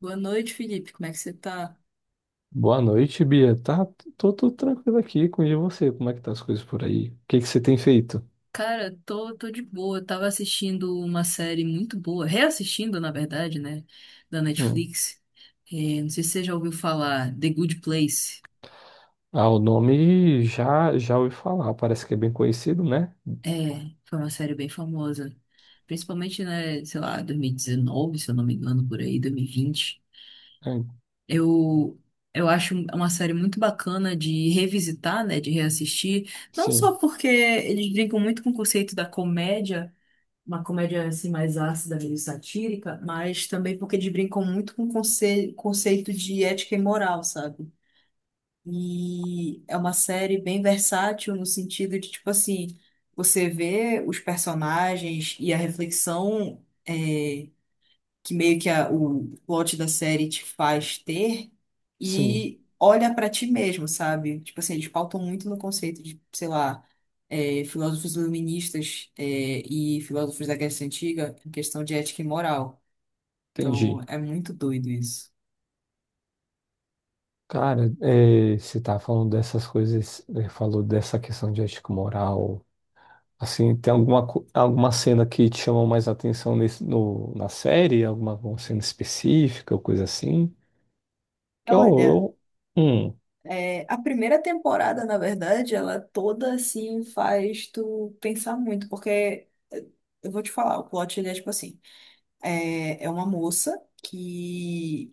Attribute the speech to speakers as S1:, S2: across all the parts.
S1: Boa noite, Felipe. Como é que você tá?
S2: Boa noite, Bia. Tô tranquilo aqui com e você. Como é que tá as coisas por aí? O que que você tem feito?
S1: Cara, tô de boa. Eu tava assistindo uma série muito boa, reassistindo, na verdade, né, da
S2: Hum.
S1: Netflix. É, não sei se você já ouviu falar, The Good Place.
S2: Ah, o nome já ouvi falar. Parece que é bem conhecido, né?
S1: É, foi uma série bem famosa. Principalmente, né, sei lá, 2019, se eu não me engano, por aí, 2020.
S2: É,
S1: Eu, eu acho uma série muito bacana de revisitar, né, de reassistir. Não
S2: sim,
S1: só porque eles brincam muito com o conceito da comédia, uma comédia assim mais ácida, meio satírica, mas também porque eles brincam muito com conceito de ética e moral, sabe? E é uma série bem versátil no sentido de, tipo assim, você vê os personagens e a reflexão. Que meio que o plot da série te faz ter
S2: sim,
S1: e olha pra ti mesmo, sabe? Tipo assim, eles pautam muito no conceito de, sei lá, é, filósofos iluministas é, e filósofos da Grécia Antiga em questão de ética e moral. Então,
S2: entendi.
S1: é muito doido isso.
S2: Cara, você tá falando dessas coisas, falou dessa questão de ética e moral. Assim, tem alguma, alguma cena que te chamou mais atenção nesse, no, na série? Alguma, alguma cena específica ou coisa assim? Que eu,
S1: Olha,
S2: eu, hum,
S1: é, a primeira temporada, na verdade, ela toda assim faz tu pensar muito, porque eu vou te falar, o plot ele é tipo assim, é, é uma moça que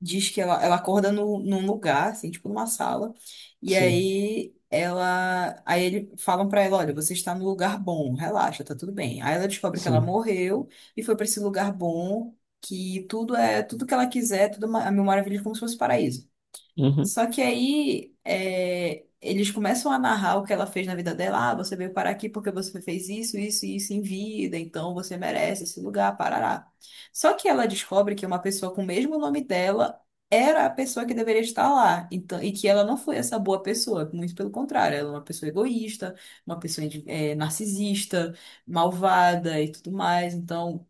S1: diz que ela acorda no, num lugar, assim, tipo numa sala, e
S2: sim,
S1: aí ela, aí ele falam pra ela, olha, você está no lugar bom, relaxa, tá tudo bem. Aí ela descobre que ela
S2: sim.
S1: morreu e foi pra esse lugar bom, que tudo é, tudo que ela quiser, tudo a mil maravilhas como se fosse paraíso.
S2: Uhum.
S1: Só que aí é, eles começam a narrar o que ela fez na vida dela. Ah, você veio parar aqui porque você fez isso, isso e isso em vida, então você merece esse lugar, parará. Só que ela descobre que uma pessoa com o mesmo nome dela era a pessoa que deveria estar lá. Então, e que ela não foi essa boa pessoa, muito pelo contrário, ela é uma pessoa egoísta, uma pessoa narcisista, malvada e tudo mais. Então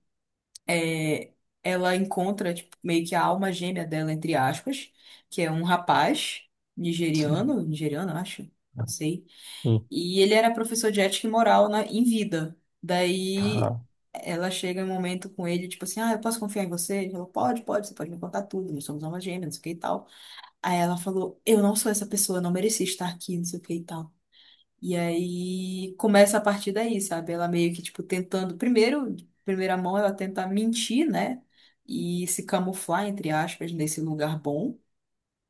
S1: é, ela encontra tipo, meio que a alma gêmea dela, entre aspas, que é um rapaz
S2: Sim.
S1: nigeriano, nigeriano, acho, não sei.
S2: Hum,
S1: E ele era professor de ética e moral na, em vida. Daí
S2: cara,
S1: ela chega em um momento com ele, tipo assim, ah, eu posso confiar em você? Ele falou, pode, pode, você pode me contar tudo, nós somos almas gêmeas, não sei o que e tal. Aí ela falou, eu não sou essa pessoa, eu não mereci estar aqui, não sei o que e tal. E aí começa a partir daí, sabe? Ela meio que, tipo, tentando. Primeiro, de primeira mão, ela tenta mentir, né? E se camuflar, entre aspas, nesse lugar bom.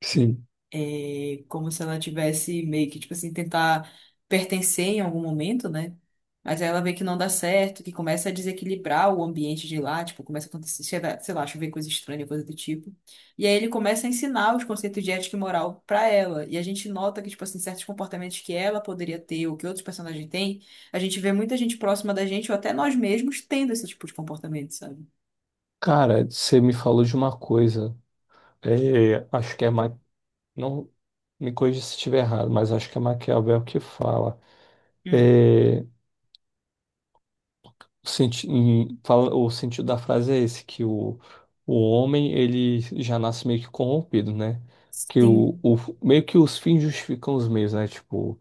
S2: sim.
S1: E como se ela tivesse meio que, tipo assim, tentar pertencer em algum momento, né? Mas aí ela vê que não dá certo, que começa a desequilibrar o ambiente de lá, tipo, começa a acontecer, sei lá, chover coisa estranha, coisa do tipo. E aí ele começa a ensinar os conceitos de ética e moral pra ela. E a gente nota que, tipo assim, certos comportamentos que ela poderia ter ou que outros personagens têm, a gente vê muita gente próxima da gente ou até nós mesmos tendo esse tipo de comportamento, sabe?
S2: Cara, você me falou de uma coisa. É, acho que é não me corrija se estiver errado, mas acho que é Maquiavel que fala.
S1: Hum.
S2: É, o sentido da frase é esse, o homem ele já nasce meio que corrompido, né? Que
S1: Sim.
S2: o meio que os fins justificam os meios, né?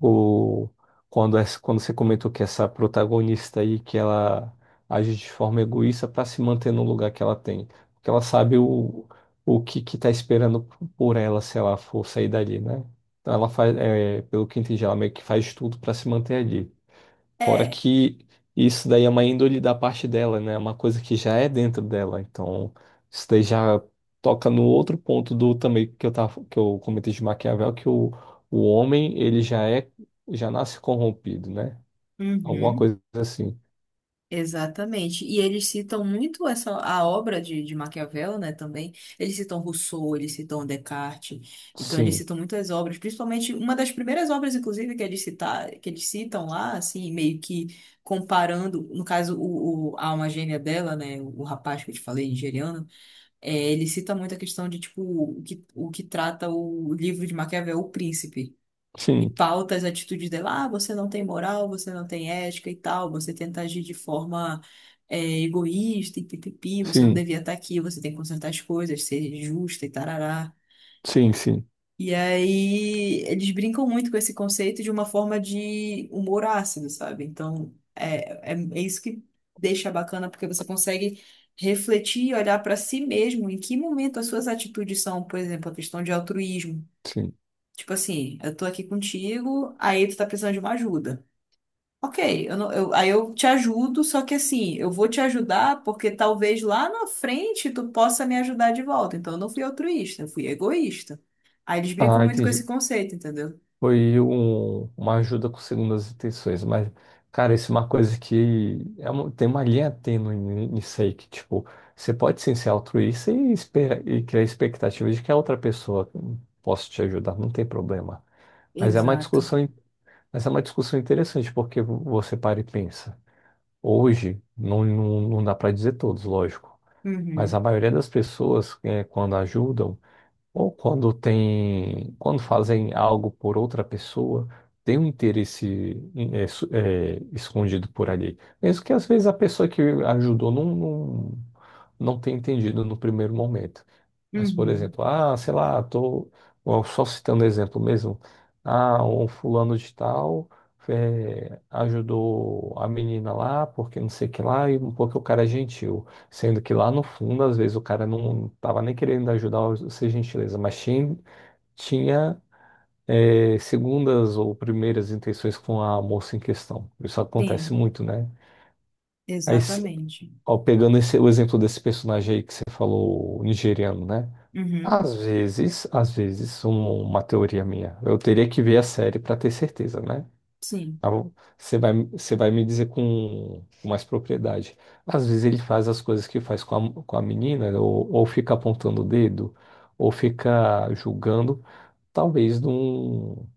S2: O, quando você comentou que essa protagonista aí, que ela age de forma egoísta para se manter no lugar que ela tem. Porque ela sabe o que que tá esperando por ela se ela for sair dali, né? Então ela faz, é, pelo que entendi, ela meio que faz tudo para se manter ali. Fora
S1: É.
S2: que isso daí é uma índole da parte dela, né? É uma coisa que já é dentro dela. Então, isso daí já toca no outro ponto do também que eu tava, que eu comentei de Maquiavel, o homem, já nasce corrompido, né? Alguma
S1: Uhum.
S2: coisa assim.
S1: Exatamente. E eles citam muito essa a obra de Maquiavel, né, também. Eles citam Rousseau, eles citam Descartes. Então eles
S2: Sim,
S1: citam muitas obras, principalmente uma das primeiras obras inclusive que eles citar, que eles citam lá, assim, meio que comparando, no caso o, a alma gêmea dela, né, o rapaz que eu te falei, nigeriano, é, ele cita muito a questão de tipo o que trata o livro de Maquiavel, O Príncipe e
S2: sim,
S1: pauta as atitudes dela. Ah, você não tem moral, você não tem ética e tal, você tenta agir de forma é, egoísta e pipipi, você não
S2: sim,
S1: devia estar aqui, você tem que consertar as coisas, ser justa e tarará.
S2: sim, sim,
S1: E aí eles brincam muito com esse conceito de uma forma de humor ácido, sabe? Então é isso que deixa bacana, porque você consegue refletir e olhar para si mesmo em que momento as suas atitudes são, por exemplo, a questão de altruísmo.
S2: sim.
S1: Tipo assim, eu tô aqui contigo, aí tu tá precisando de uma ajuda. Ok, eu não- eu- aí eu te ajudo, só que assim, eu vou te ajudar porque talvez lá na frente tu possa me ajudar de volta. Então eu não fui altruísta, eu fui egoísta. Aí eles brincam
S2: Ah,
S1: muito com esse
S2: entendi.
S1: conceito, entendeu?
S2: Foi uma ajuda com segundas intenções, mas, cara, isso é uma coisa que é tem uma linha tênue nisso aí, que, tipo, você pode sim ser altruísta e, espera, e criar expectativa de que a outra pessoa possa te ajudar, não tem problema. Mas é uma
S1: Exato.
S2: discussão interessante, porque você para e pensa. Hoje, não, não, não dá para dizer todos, lógico, mas a
S1: Uhum,
S2: maioria das pessoas, quando ajudam, ou quando tem, quando fazem algo por outra pessoa, tem um interesse escondido por ali. Mesmo que às vezes a pessoa que ajudou não tenha entendido no primeiro momento. Mas, por
S1: uhum,
S2: exemplo, ah, sei lá, só citando exemplo mesmo. Ah, um fulano de tal ajudou a menina lá porque não sei o que lá, e porque o cara é gentil. Sendo que lá no fundo, às vezes, o cara não tava nem querendo ajudar ou ser gentileza, tinha, segundas ou primeiras intenções com a moça em questão. Isso acontece
S1: sim,
S2: muito, né? Aí, se-
S1: exatamente.
S2: ó, pegando o exemplo desse personagem aí que você falou, o nigeriano, né?
S1: Uhum,
S2: Às vezes, uma teoria minha. Eu teria que ver a série para ter certeza, né?
S1: sim.
S2: Tá bom? Você vai me dizer com mais propriedade. Às vezes ele faz as coisas que faz com a menina, ou fica apontando o dedo, ou fica julgando. Talvez num, um-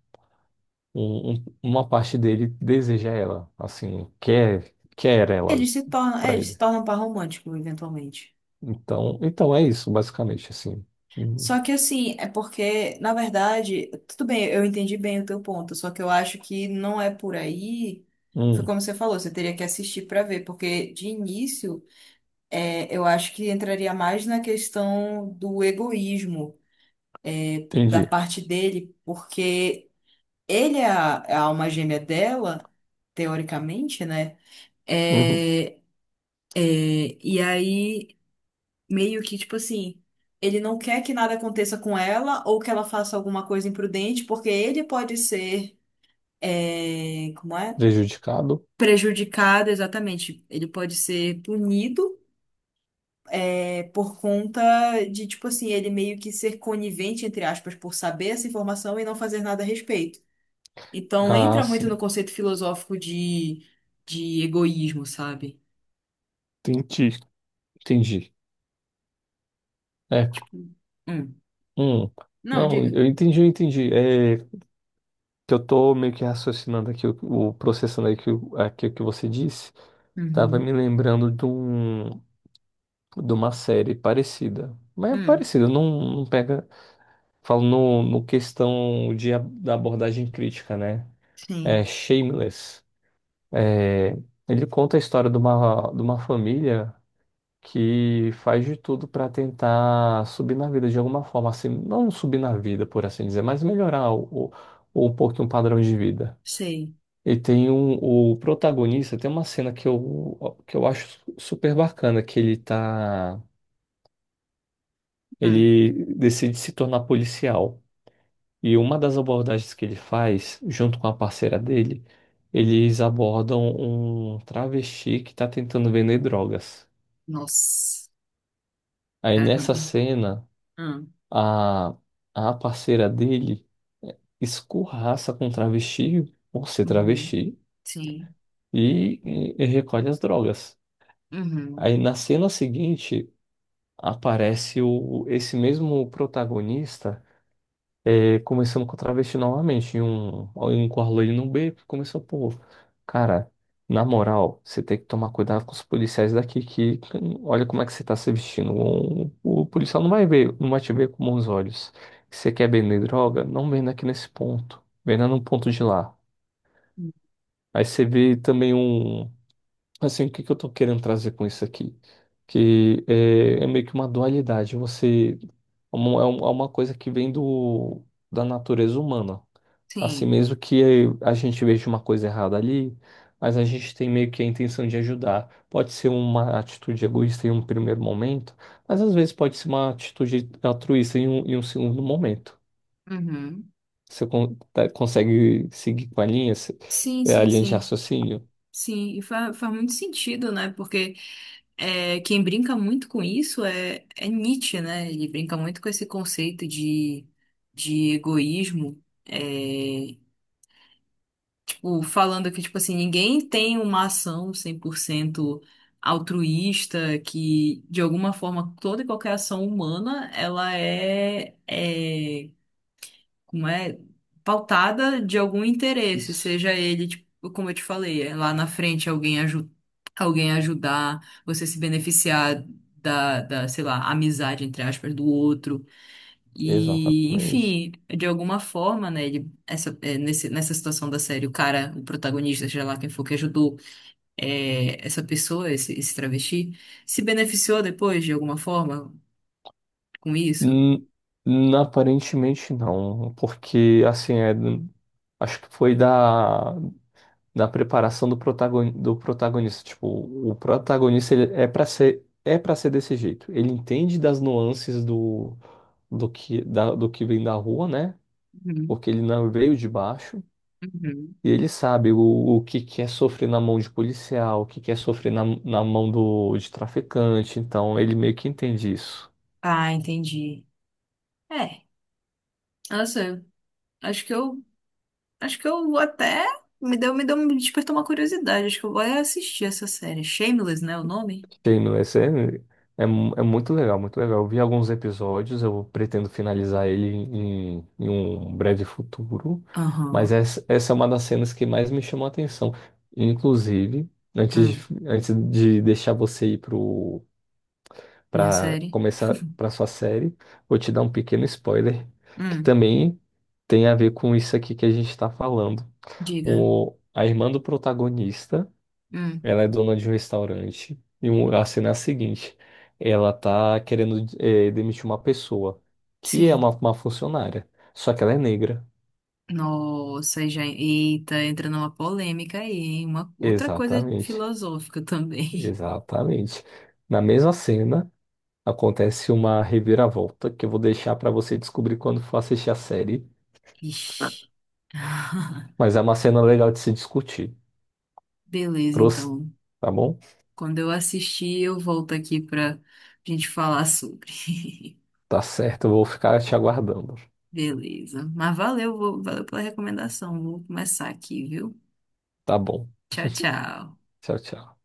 S2: um- um, uma parte dele deseja ela, assim, quer ela
S1: Eles se tornam, é,
S2: para
S1: eles se
S2: ele.
S1: tornam um par romântico, eventualmente.
S2: Então, então é isso, basicamente, assim. Hum,
S1: Só que assim, é porque, na verdade, tudo bem, eu entendi bem o teu ponto, só que eu acho que não é por aí. Foi
S2: hum,
S1: como você falou, você teria que assistir para ver, porque de início, é, eu acho que entraria mais na questão do egoísmo da
S2: entendi.
S1: parte dele, porque ele é a alma gêmea dela, teoricamente, né?
S2: Uhum.
S1: É, e aí. Meio que, tipo assim, ele não quer que nada aconteça com ela ou que ela faça alguma coisa imprudente, porque ele pode ser, é, como é?
S2: Prejudicado?
S1: Prejudicado, exatamente. Ele pode ser punido, é, por conta de, tipo assim, ele meio que ser conivente, entre aspas, por saber essa informação e não fazer nada a respeito. Então,
S2: Ah,
S1: entra muito no
S2: sim.
S1: conceito filosófico de egoísmo, sabe?
S2: Entendi, entendi. É,
S1: Hum.
S2: hum.
S1: Não,
S2: Não,
S1: diga.
S2: eu entendi, eu entendi. É, que eu tô meio que raciocinando aqui, o- processando aqui, aqui o que você disse, tava
S1: Uhum.
S2: me lembrando de, de uma série parecida. Mas é
S1: Hum.
S2: parecida, não, não pega. Falo no questão de, da abordagem crítica, né? É
S1: Sim,
S2: Shameless. É, ele conta a história de de uma família que faz de tudo para tentar subir na vida de alguma forma, assim, não subir na vida, por assim dizer, mas melhorar um pouquinho o padrão de vida.
S1: sei.
S2: E tem o protagonista, tem uma cena que eu acho super bacana,
S1: Hum.
S2: ele decide se tornar policial. E uma das abordagens que ele faz, junto com a parceira dele, eles abordam um travesti que tá tentando vender drogas.
S1: Nossa.
S2: Aí
S1: Caramba.
S2: nessa cena,
S1: Ah,
S2: a, a parceira dele escorraça com o travesti, por ser
S1: uhum.
S2: travesti,
S1: Sim.
S2: e, e recolhe as drogas.
S1: Uhum.
S2: Aí na cena seguinte, aparece esse mesmo protagonista começando com a travesti novamente, em um quarto ali no beco, começou, pô, cara, na moral, você tem que tomar cuidado com os policiais daqui, que olha como é que você tá se vestindo, o policial não vai ver, não vai te ver com bons olhos, você quer vender droga? Não venda aqui nesse ponto, venda num ponto de lá. Aí você vê também um Assim, o que que eu tô querendo trazer com isso aqui? Que é, é meio que uma dualidade. Você é uma- é um- é uma coisa que vem da natureza humana. Assim
S1: Sim.
S2: mesmo que a gente veja uma coisa errada ali, mas a gente tem meio que a intenção de ajudar. Pode ser uma atitude egoísta em um primeiro momento, mas às vezes pode ser uma atitude altruísta em um segundo momento.
S1: Uhum.
S2: Consegue seguir com a linha,
S1: Sim,
S2: a
S1: sim,
S2: linha de
S1: sim.
S2: raciocínio?
S1: Sim, e faz, faz muito sentido, né? Porque é, quem brinca muito com isso é Nietzsche, né? Ele brinca muito com esse conceito de egoísmo. É, tipo, falando que, tipo assim, ninguém tem uma ação 100% altruísta, que de alguma forma toda e qualquer ação humana, ela é como é, pautada de algum interesse,
S2: Isso.
S1: seja ele, tipo, como eu te falei, é lá na frente alguém, aju alguém ajudar, você se beneficiar da, sei lá, amizade, entre aspas, do outro. E,
S2: Exatamente.
S1: enfim, de alguma forma, né, ele, essa, é, nesse, nessa situação da série, o cara, o protagonista, seja lá quem for que ajudou é, essa pessoa, esse travesti, se beneficiou depois, de alguma forma, com isso?
S2: Hum, aparentemente não, porque assim é, acho que foi da preparação do protagonista. Tipo, o protagonista ele é para ser desse jeito. Ele entende das nuances do que do que vem da rua, né?
S1: Uhum,
S2: Porque ele não veio de baixo
S1: uhum.
S2: e ele sabe o que que é sofrer na mão de policial, o que que é sofrer na mão do de traficante. Então ele meio que entende isso.
S1: Ah, entendi. É. Nossa, acho que eu, acho que eu até me despertou uma curiosidade. Acho que eu vou é assistir essa série. Shameless, né, o nome?
S2: Sim, no esse é, é, é muito legal, muito legal. Eu vi alguns episódios, eu pretendo finalizar ele em um breve futuro, mas
S1: Aham.
S2: essa é uma das cenas que mais me chamou a atenção. Inclusive,
S1: Hum.
S2: antes de deixar você
S1: Minha
S2: para
S1: série.
S2: começar para sua série, vou te dar um pequeno spoiler que
S1: Hum.
S2: também tem a ver com isso aqui que a gente está falando.
S1: Diga.
S2: A irmã do protagonista.
S1: Hum.
S2: Ela é dona de um restaurante. E a cena é a seguinte: ela tá querendo demitir uma pessoa que é
S1: Sim.
S2: uma funcionária, só que ela é negra.
S1: Nossa, aí já, eita, entra numa polêmica aí, hein? Uma outra coisa
S2: Exatamente,
S1: filosófica também.
S2: exatamente. Na mesma cena acontece uma reviravolta que eu vou deixar para você descobrir quando for assistir a série.
S1: Ixi.
S2: Mas é uma cena legal de se discutir.
S1: Beleza,
S2: Trouxe,
S1: então.
S2: tá bom?
S1: Quando eu assistir, eu volto aqui pra gente falar sobre.
S2: Tá certo, eu vou ficar te aguardando.
S1: Beleza. Mas valeu, valeu pela recomendação. Vou começar aqui, viu?
S2: Tá bom.
S1: Tchau, tchau.
S2: Tchau, tchau.